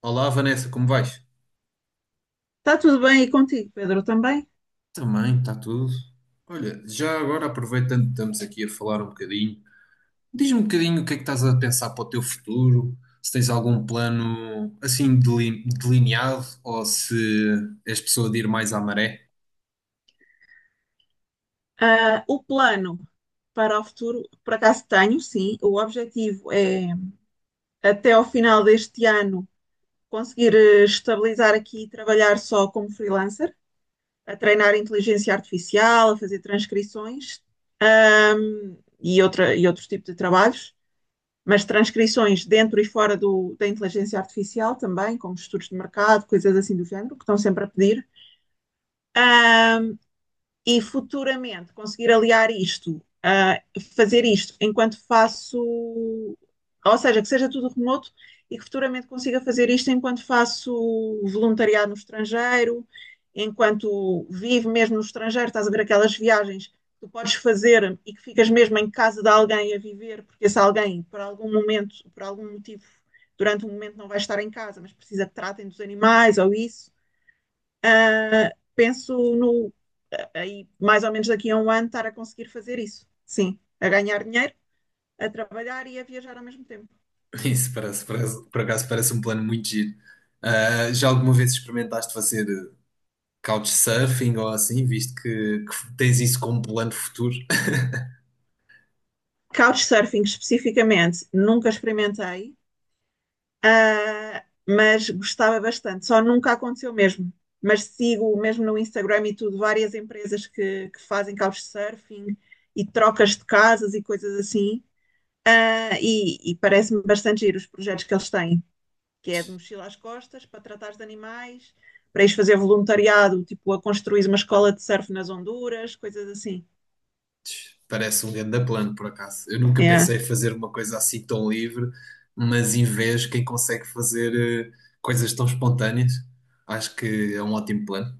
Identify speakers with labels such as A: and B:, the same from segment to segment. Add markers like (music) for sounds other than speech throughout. A: Olá, Vanessa, como vais?
B: Está tudo bem e contigo, Pedro, também?
A: Também, está tudo. Olha, já agora aproveitando que estamos aqui a falar um bocadinho, diz-me um bocadinho o que é que estás a pensar para o teu futuro, se tens algum plano assim delineado ou se és pessoa de ir mais à maré.
B: Ah, o plano para o futuro, por acaso tenho, sim. O objetivo é, até ao final deste ano, conseguir estabilizar aqui e trabalhar só como freelancer, a treinar inteligência artificial, a fazer transcrições, e outros tipos de trabalhos, mas transcrições dentro e fora da inteligência artificial também, como estudos de mercado, coisas assim do género, que estão sempre a pedir. E futuramente conseguir aliar isto, fazer isto enquanto faço, ou seja, que seja tudo remoto e que futuramente consiga fazer isto enquanto faço voluntariado no estrangeiro, enquanto vivo mesmo no estrangeiro. Estás a ver aquelas viagens que tu podes fazer e que ficas mesmo em casa de alguém a viver, porque se alguém, por algum momento, por algum motivo, durante um momento não vai estar em casa, mas precisa que tratem dos animais ou isso. Penso no aí mais ou menos daqui a um ano estar a conseguir fazer isso. Sim, a ganhar dinheiro, a trabalhar e a viajar ao mesmo tempo.
A: (laughs) Isso por acaso parece um plano muito giro. Ah, já alguma vez experimentaste fazer couchsurfing ou assim, visto que tens isso como plano futuro?
B: Couchsurfing especificamente, nunca experimentei, uh, mas gostava bastante. Só nunca aconteceu mesmo. Mas sigo mesmo no Instagram e tudo, várias empresas que fazem couchsurfing e trocas de casas e coisas assim. E parece-me bastante giro os projetos que eles têm. Que é de mochila às costas, para tratares de animais, para ires fazer voluntariado, tipo a construir uma escola de surf nas Honduras, coisas assim.
A: Parece um grande plano, por acaso. Eu nunca
B: É,
A: pensei em fazer uma coisa assim tão livre, mas em vez, quem consegue fazer coisas tão espontâneas, acho que é um ótimo plano.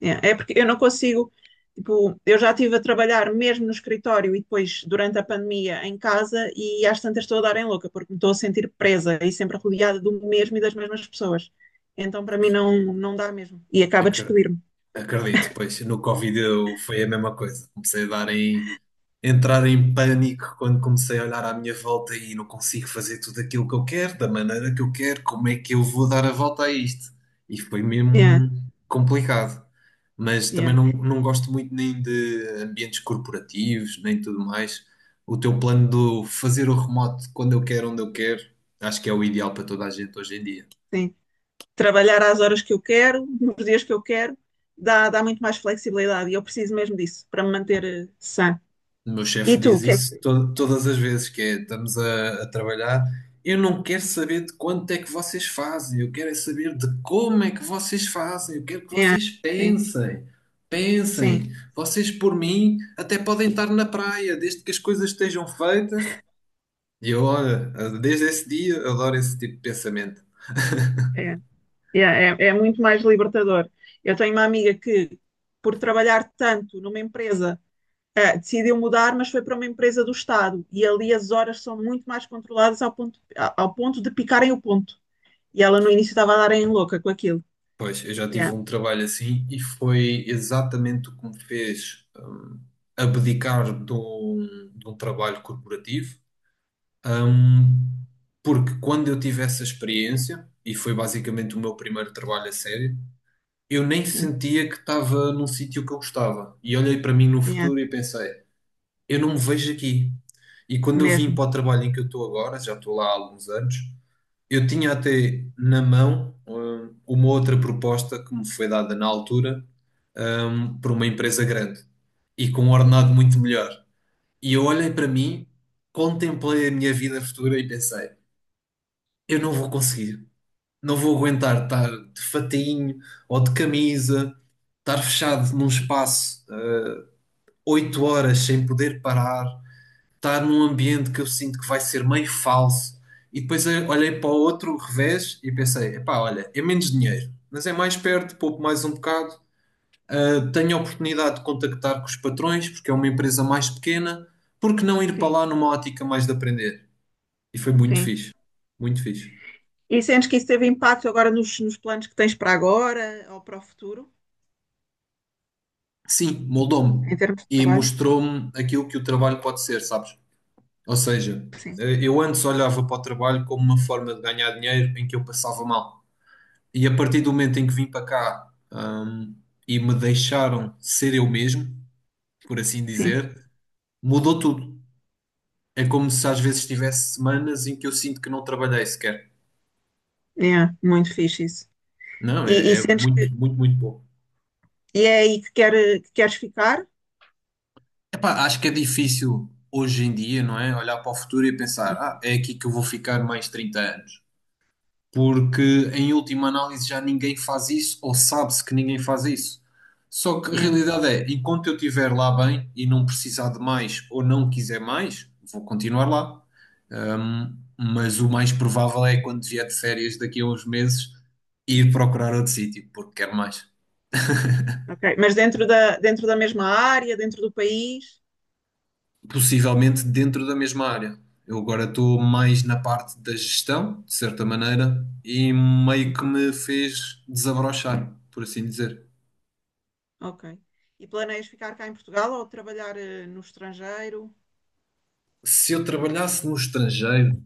B: é porque eu não consigo. Tipo, eu já estive a trabalhar mesmo no escritório e depois, durante a pandemia, em casa, e às tantas estou a dar em louca, porque me estou a sentir presa e sempre rodeada do mesmo e das mesmas pessoas. Então, para
A: Pois,
B: mim, não, não dá mesmo. E acaba de
A: acre-
B: despedir-me.
A: acredito, pois no Covid eu, foi a mesma coisa. Comecei a dar em entrar em pânico quando comecei a olhar à minha volta e não consigo fazer tudo aquilo que eu quero, da maneira que eu quero, como é que eu vou dar a volta a isto? E foi
B: É,
A: mesmo complicado. Mas também
B: é,
A: não gosto muito nem de ambientes corporativos, nem tudo mais. O teu plano de fazer o remoto quando eu quero, onde eu quero, acho que é o ideal para toda a gente hoje em dia.
B: sim. Trabalhar às horas que eu quero, nos dias que eu quero, dá muito mais flexibilidade e eu preciso mesmo disso para me manter sã.
A: O meu chefe
B: E tu, o
A: diz
B: que é
A: isso
B: que.
A: todas as vezes, que é, estamos a trabalhar. Eu não quero saber de quanto é que vocês fazem, eu quero é saber de como é que vocês fazem, eu quero que
B: Yeah,
A: vocês
B: sim,
A: pensem,
B: sim,
A: pensem. Vocês, por mim, até podem estar na praia, desde que as coisas estejam feitas. E eu, olha, desde esse dia, adoro esse tipo de pensamento.
B: é, yeah, é muito mais libertador. Eu tenho uma amiga que, por trabalhar tanto numa empresa, decidiu mudar, mas foi para uma empresa do Estado e ali as horas são muito mais controladas ao ponto, ao ponto de picarem o ponto. E ela no início estava a dar em louca com aquilo.
A: Pois, eu já tive
B: Yeah,
A: um trabalho assim e foi exatamente o que me fez abdicar de um trabalho corporativo. Ahm, Porque quando eu tive essa experiência, e foi basicamente o meu primeiro trabalho a sério, eu nem
B: sim,
A: sentia que estava num sítio que eu gostava. E olhei para mim no
B: yeah,
A: futuro e pensei, eu não me vejo aqui. E quando eu vim
B: mesmo.
A: para o trabalho em que eu estou agora, já estou lá há alguns anos, eu tinha até na mão, uma outra proposta que me foi dada na altura, por uma empresa grande e com um ordenado muito melhor. E eu olhei para mim, contemplei a minha vida futura e pensei eu não vou conseguir. Não vou aguentar estar de fatainho ou de camisa, estar fechado num espaço 8 horas sem poder parar, estar num ambiente que eu sinto que vai ser meio falso. E depois eu olhei para o outro revés e pensei: epá, olha, é menos dinheiro, mas é mais perto, pouco mais um bocado. Tenho a oportunidade de contactar com os patrões, porque é uma empresa mais pequena, porque não ir para
B: Sim,
A: lá numa ótica mais de aprender? E foi muito
B: sim.
A: fixe, muito fixe.
B: E sentes que isso teve impacto agora nos planos que tens para agora ou para o futuro,
A: Sim, moldou-me
B: em termos de
A: e
B: trabalho?
A: mostrou-me aquilo que o trabalho pode ser, sabes? Ou seja,
B: Sim,
A: eu antes olhava para o trabalho como uma forma de ganhar dinheiro em que eu passava mal. E a partir do momento em que vim para cá, e me deixaram ser eu mesmo, por assim
B: sim.
A: dizer, mudou tudo. É como se às vezes tivesse semanas em que eu sinto que não trabalhei sequer.
B: É, muito fixe isso.
A: Não,
B: E
A: é
B: sentes
A: muito,
B: que
A: muito, muito bom.
B: e é aí que queres ficar?
A: Epá, acho que é difícil hoje em dia, não é? Olhar para o futuro e pensar, ah, é aqui que eu vou ficar mais 30 anos. Porque em última análise já ninguém faz isso, ou sabe-se que ninguém faz isso. Só que a
B: Yeah,
A: realidade é, enquanto eu estiver lá bem e não precisar de mais ou não quiser mais, vou continuar lá. Mas o mais provável é quando vier de férias daqui a uns meses ir procurar outro sítio, porque quero mais.
B: ok. Mas dentro da mesma área, dentro do país?
A: Possivelmente dentro da mesma área. Eu agora estou mais na parte da gestão, de certa maneira, e meio
B: Sim.
A: que me fez desabrochar, por assim dizer.
B: Ok. E planeias ficar cá em Portugal ou trabalhar no estrangeiro?
A: Se eu trabalhasse no estrangeiro,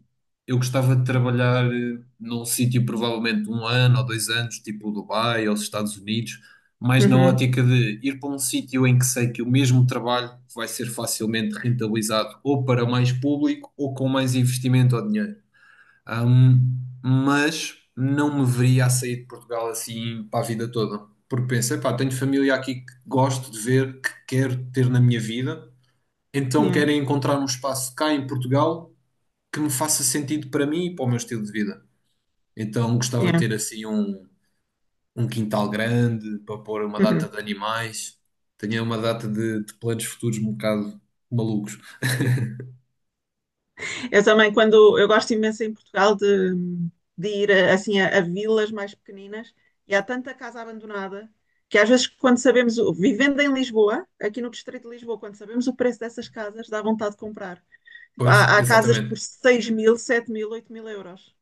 A: eu gostava de trabalhar num sítio provavelmente 1 ano ou 2 anos, tipo Dubai ou os Estados Unidos, mas na
B: Uhum.
A: ótica de ir para um sítio em que sei que o mesmo trabalho vai ser facilmente rentabilizado ou para mais público ou com mais investimento ou dinheiro. Ahm, mas não me veria a sair de Portugal assim para a vida toda, porque pensei, pá, tenho família aqui que gosto de ver, que quero ter na minha vida, então
B: Yeah,
A: querem encontrar um espaço cá em Portugal que me faça sentido para mim e para o meu estilo de vida. Então gostava de
B: yeah.
A: ter assim um quintal grande para pôr uma data
B: Uhum.
A: de animais. Tinha uma data de planos futuros um bocado malucos.
B: Eu também, quando eu gosto imenso em Portugal de ir assim a vilas mais pequeninas e há tanta casa abandonada que às vezes quando sabemos, vivendo em Lisboa, aqui no Distrito de Lisboa, quando sabemos o preço dessas casas, dá vontade de comprar.
A: Pois,
B: Há casas
A: exatamente.
B: por 6.000, 7.000, 8.000 euros.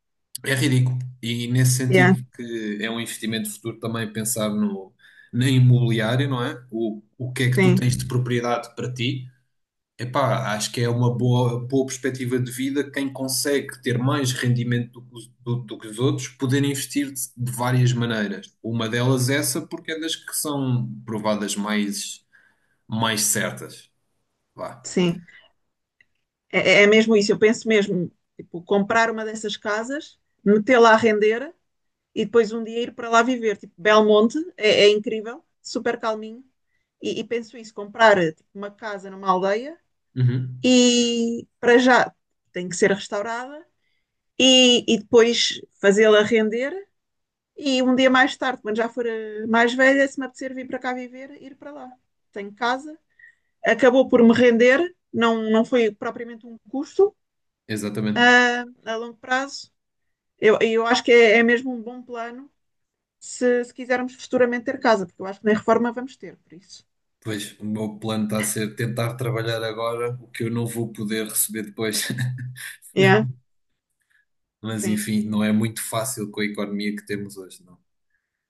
A: É ridículo. E nesse
B: Yeah,
A: sentido que é um investimento futuro também pensar na imobiliária, não é? O que é que tu
B: sim,
A: tens de propriedade para ti. Epá, acho que é uma boa perspectiva de vida quem consegue ter mais rendimento do que os outros, poder investir de várias maneiras. Uma delas é essa, porque é das que são provadas mais, mais certas. Vá.
B: sim. É mesmo isso. Eu penso mesmo, tipo, comprar uma dessas casas, metê-la a render e depois um dia ir para lá viver. Tipo, Belmonte é incrível, super calminho. E penso isso, comprar tipo, uma casa numa aldeia
A: Uhum.
B: e para já tem que ser restaurada e depois fazê-la render e um dia mais tarde, quando já for mais velha, se me apetecer vir para cá viver, ir para lá. Tenho casa, acabou por me render, não, não foi propriamente um custo
A: Exatamente.
B: a longo prazo. Eu acho que é mesmo um bom plano se quisermos futuramente ter casa, porque eu acho que nem reforma vamos ter, por isso.
A: Pois, o meu plano está a ser tentar trabalhar agora o que eu não vou poder receber depois. (laughs)
B: Yeah.
A: Mas
B: Sim,
A: enfim, não é muito fácil com a economia que temos hoje, não é?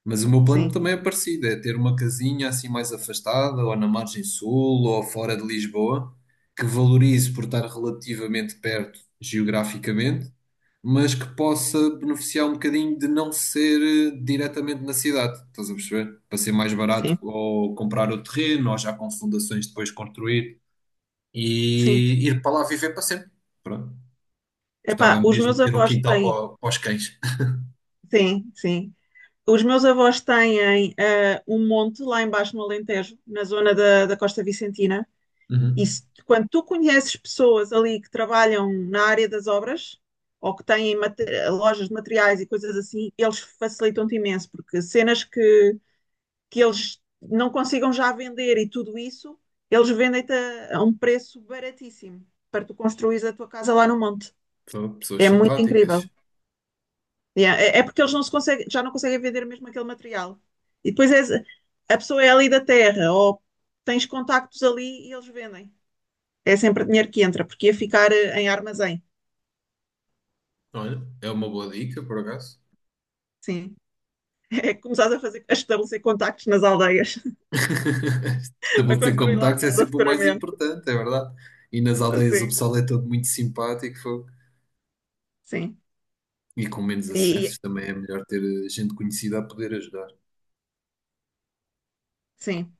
A: Mas o meu plano
B: sim,
A: também é parecido, é ter uma casinha assim mais afastada, ou na margem sul, ou fora de Lisboa, que valorize por estar relativamente perto geograficamente, mas que possa beneficiar um bocadinho de não ser diretamente na cidade, estás a perceber? Para ser mais barato
B: sim,
A: ou comprar o terreno, ou já com fundações depois construir,
B: sim.
A: e ir para lá viver para sempre. Pronto.
B: Epá,
A: Gostava
B: os
A: mesmo de
B: meus
A: ter um
B: avós
A: quintal
B: têm,
A: para os cães.
B: sim, sim. Os meus avós têm um monte lá embaixo no Alentejo, na zona da Costa Vicentina. E
A: Uhum.
B: se- quando tu conheces pessoas ali que trabalham na área das obras ou que têm lojas de materiais e coisas assim, eles facilitam-te imenso, porque cenas que eles não consigam já vender e tudo isso, eles vendem-te a um preço baratíssimo para tu construís a tua casa lá no monte.
A: Pessoas
B: É muito
A: simpáticas.
B: incrível. E é porque eles não se conseguem, já não conseguem vender mesmo aquele material. E depois és- a pessoa é ali da terra, ou tens contactos ali e eles vendem. É sempre dinheiro que entra, porque ia ficar em armazém.
A: Olha, é uma boa dica, por acaso.
B: Sim. (laughs) É começar a estabelecer contactos nas aldeias.
A: (laughs)
B: (laughs) Para
A: Estabelecer
B: construir lá a
A: contactos é
B: casa
A: sempre o mais
B: futuramente.
A: importante, é verdade. E nas aldeias o
B: Assim,
A: pessoal é todo muito simpático, fogo.
B: sim.
A: E com menos
B: E, e-
A: acessos também é melhor ter gente conhecida a poder ajudar.
B: sim,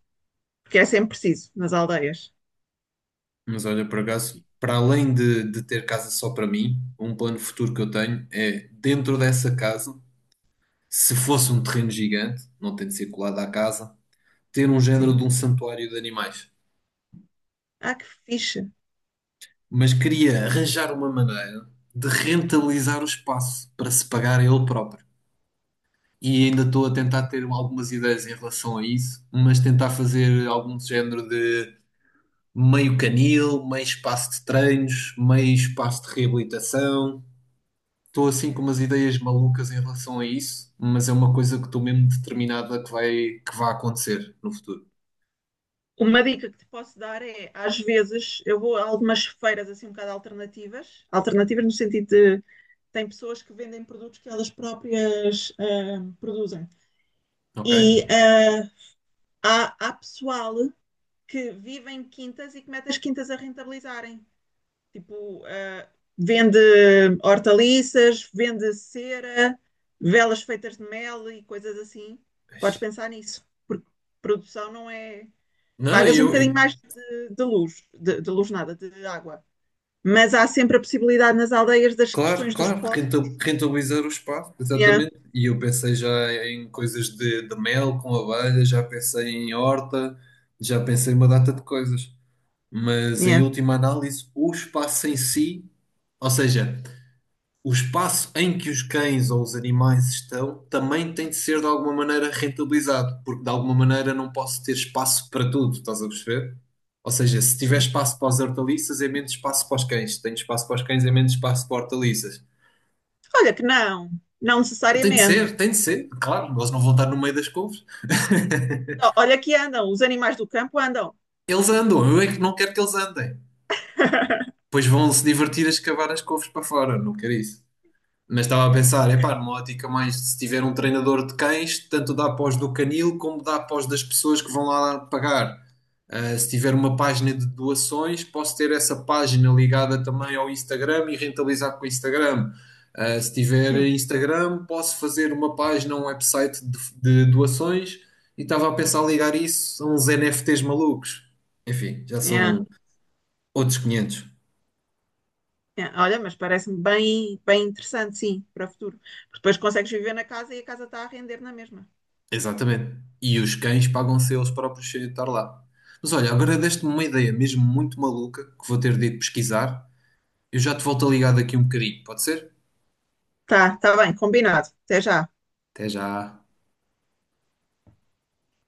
B: porque é sempre preciso nas aldeias.
A: Mas olha, por acaso, para além de ter casa só para mim, um plano futuro que eu tenho é, dentro dessa casa, se fosse um terreno gigante, não tem de ser colado à casa, ter um género de
B: Sim.
A: um santuário de animais.
B: Ah, que fixe.
A: Mas queria arranjar uma maneira de rentabilizar o espaço para se pagar a ele próprio. E ainda estou a tentar ter algumas ideias em relação a isso, mas tentar fazer algum género de meio canil, meio espaço de treinos, meio espaço de reabilitação. Estou assim com umas ideias malucas em relação a isso, mas é uma coisa que estou mesmo determinada que vai acontecer no futuro.
B: Uma dica que te posso dar é, às vezes, eu vou a algumas feiras assim um bocado alternativas, alternativas no sentido. Tem pessoas que vendem produtos que elas próprias produzem.
A: Ok?
B: E há pessoal que vive em quintas e que mete as quintas a rentabilizarem. Tipo, vende hortaliças, vende cera, velas feitas de mel e coisas assim. Podes pensar nisso, porque produção não é.
A: Não,
B: Pagas um
A: eu,
B: bocadinho mais de luz, de luz nada, de água. Mas há sempre a possibilidade nas aldeias das
A: claro,
B: questões dos
A: claro,
B: poços.
A: rentabilizar o espaço,
B: Yeah,
A: exatamente. E eu pensei já em coisas de mel com abelha, já pensei em horta, já pensei em uma data de coisas. Mas em
B: yeah,
A: última análise, o espaço em si, ou seja, o espaço em que os cães ou os animais estão, também tem de ser de alguma maneira rentabilizado, porque de alguma maneira não posso ter espaço para tudo, estás a perceber? Ou seja, se tiver
B: sim.
A: espaço para as hortaliças, é menos espaço para os cães. Se tenho espaço para os cães, é menos espaço para hortaliças.
B: Olha que não, não necessariamente.
A: Tem de ser, claro, eles não vão estar no meio das couves. (laughs)
B: Olha que andam, os animais do campo andam.
A: Eles andam, eu é que não quero que eles andem.
B: (laughs)
A: Pois vão se divertir a escavar as couves para fora, não quero isso. Mas estava a pensar, epá, numa ótica mais, se tiver um treinador de cães, tanto dá pós do canil como dá pós das pessoas que vão lá pagar. Ah, se tiver uma página de doações, posso ter essa página ligada também ao Instagram e rentabilizar com o Instagram. Ah, se tiver
B: Sim,
A: Instagram, posso fazer uma página, um website de doações e estava a pensar ligar isso a uns NFTs malucos. Enfim, já
B: yeah,
A: são outros 500.
B: yeah. Olha, mas parece-me bem, bem interessante, sim, para o futuro. Porque depois consegues viver na casa e a casa está a render na mesma.
A: Exatamente. E os cães pagam-se eles próprios sem eu estar lá. Mas olha, agora deste-me uma ideia mesmo muito maluca que vou ter de ir pesquisar. Eu já te volto a ligar daqui um bocadinho, pode ser?
B: Tá, tá bem, combinado. Até já.
A: Até já.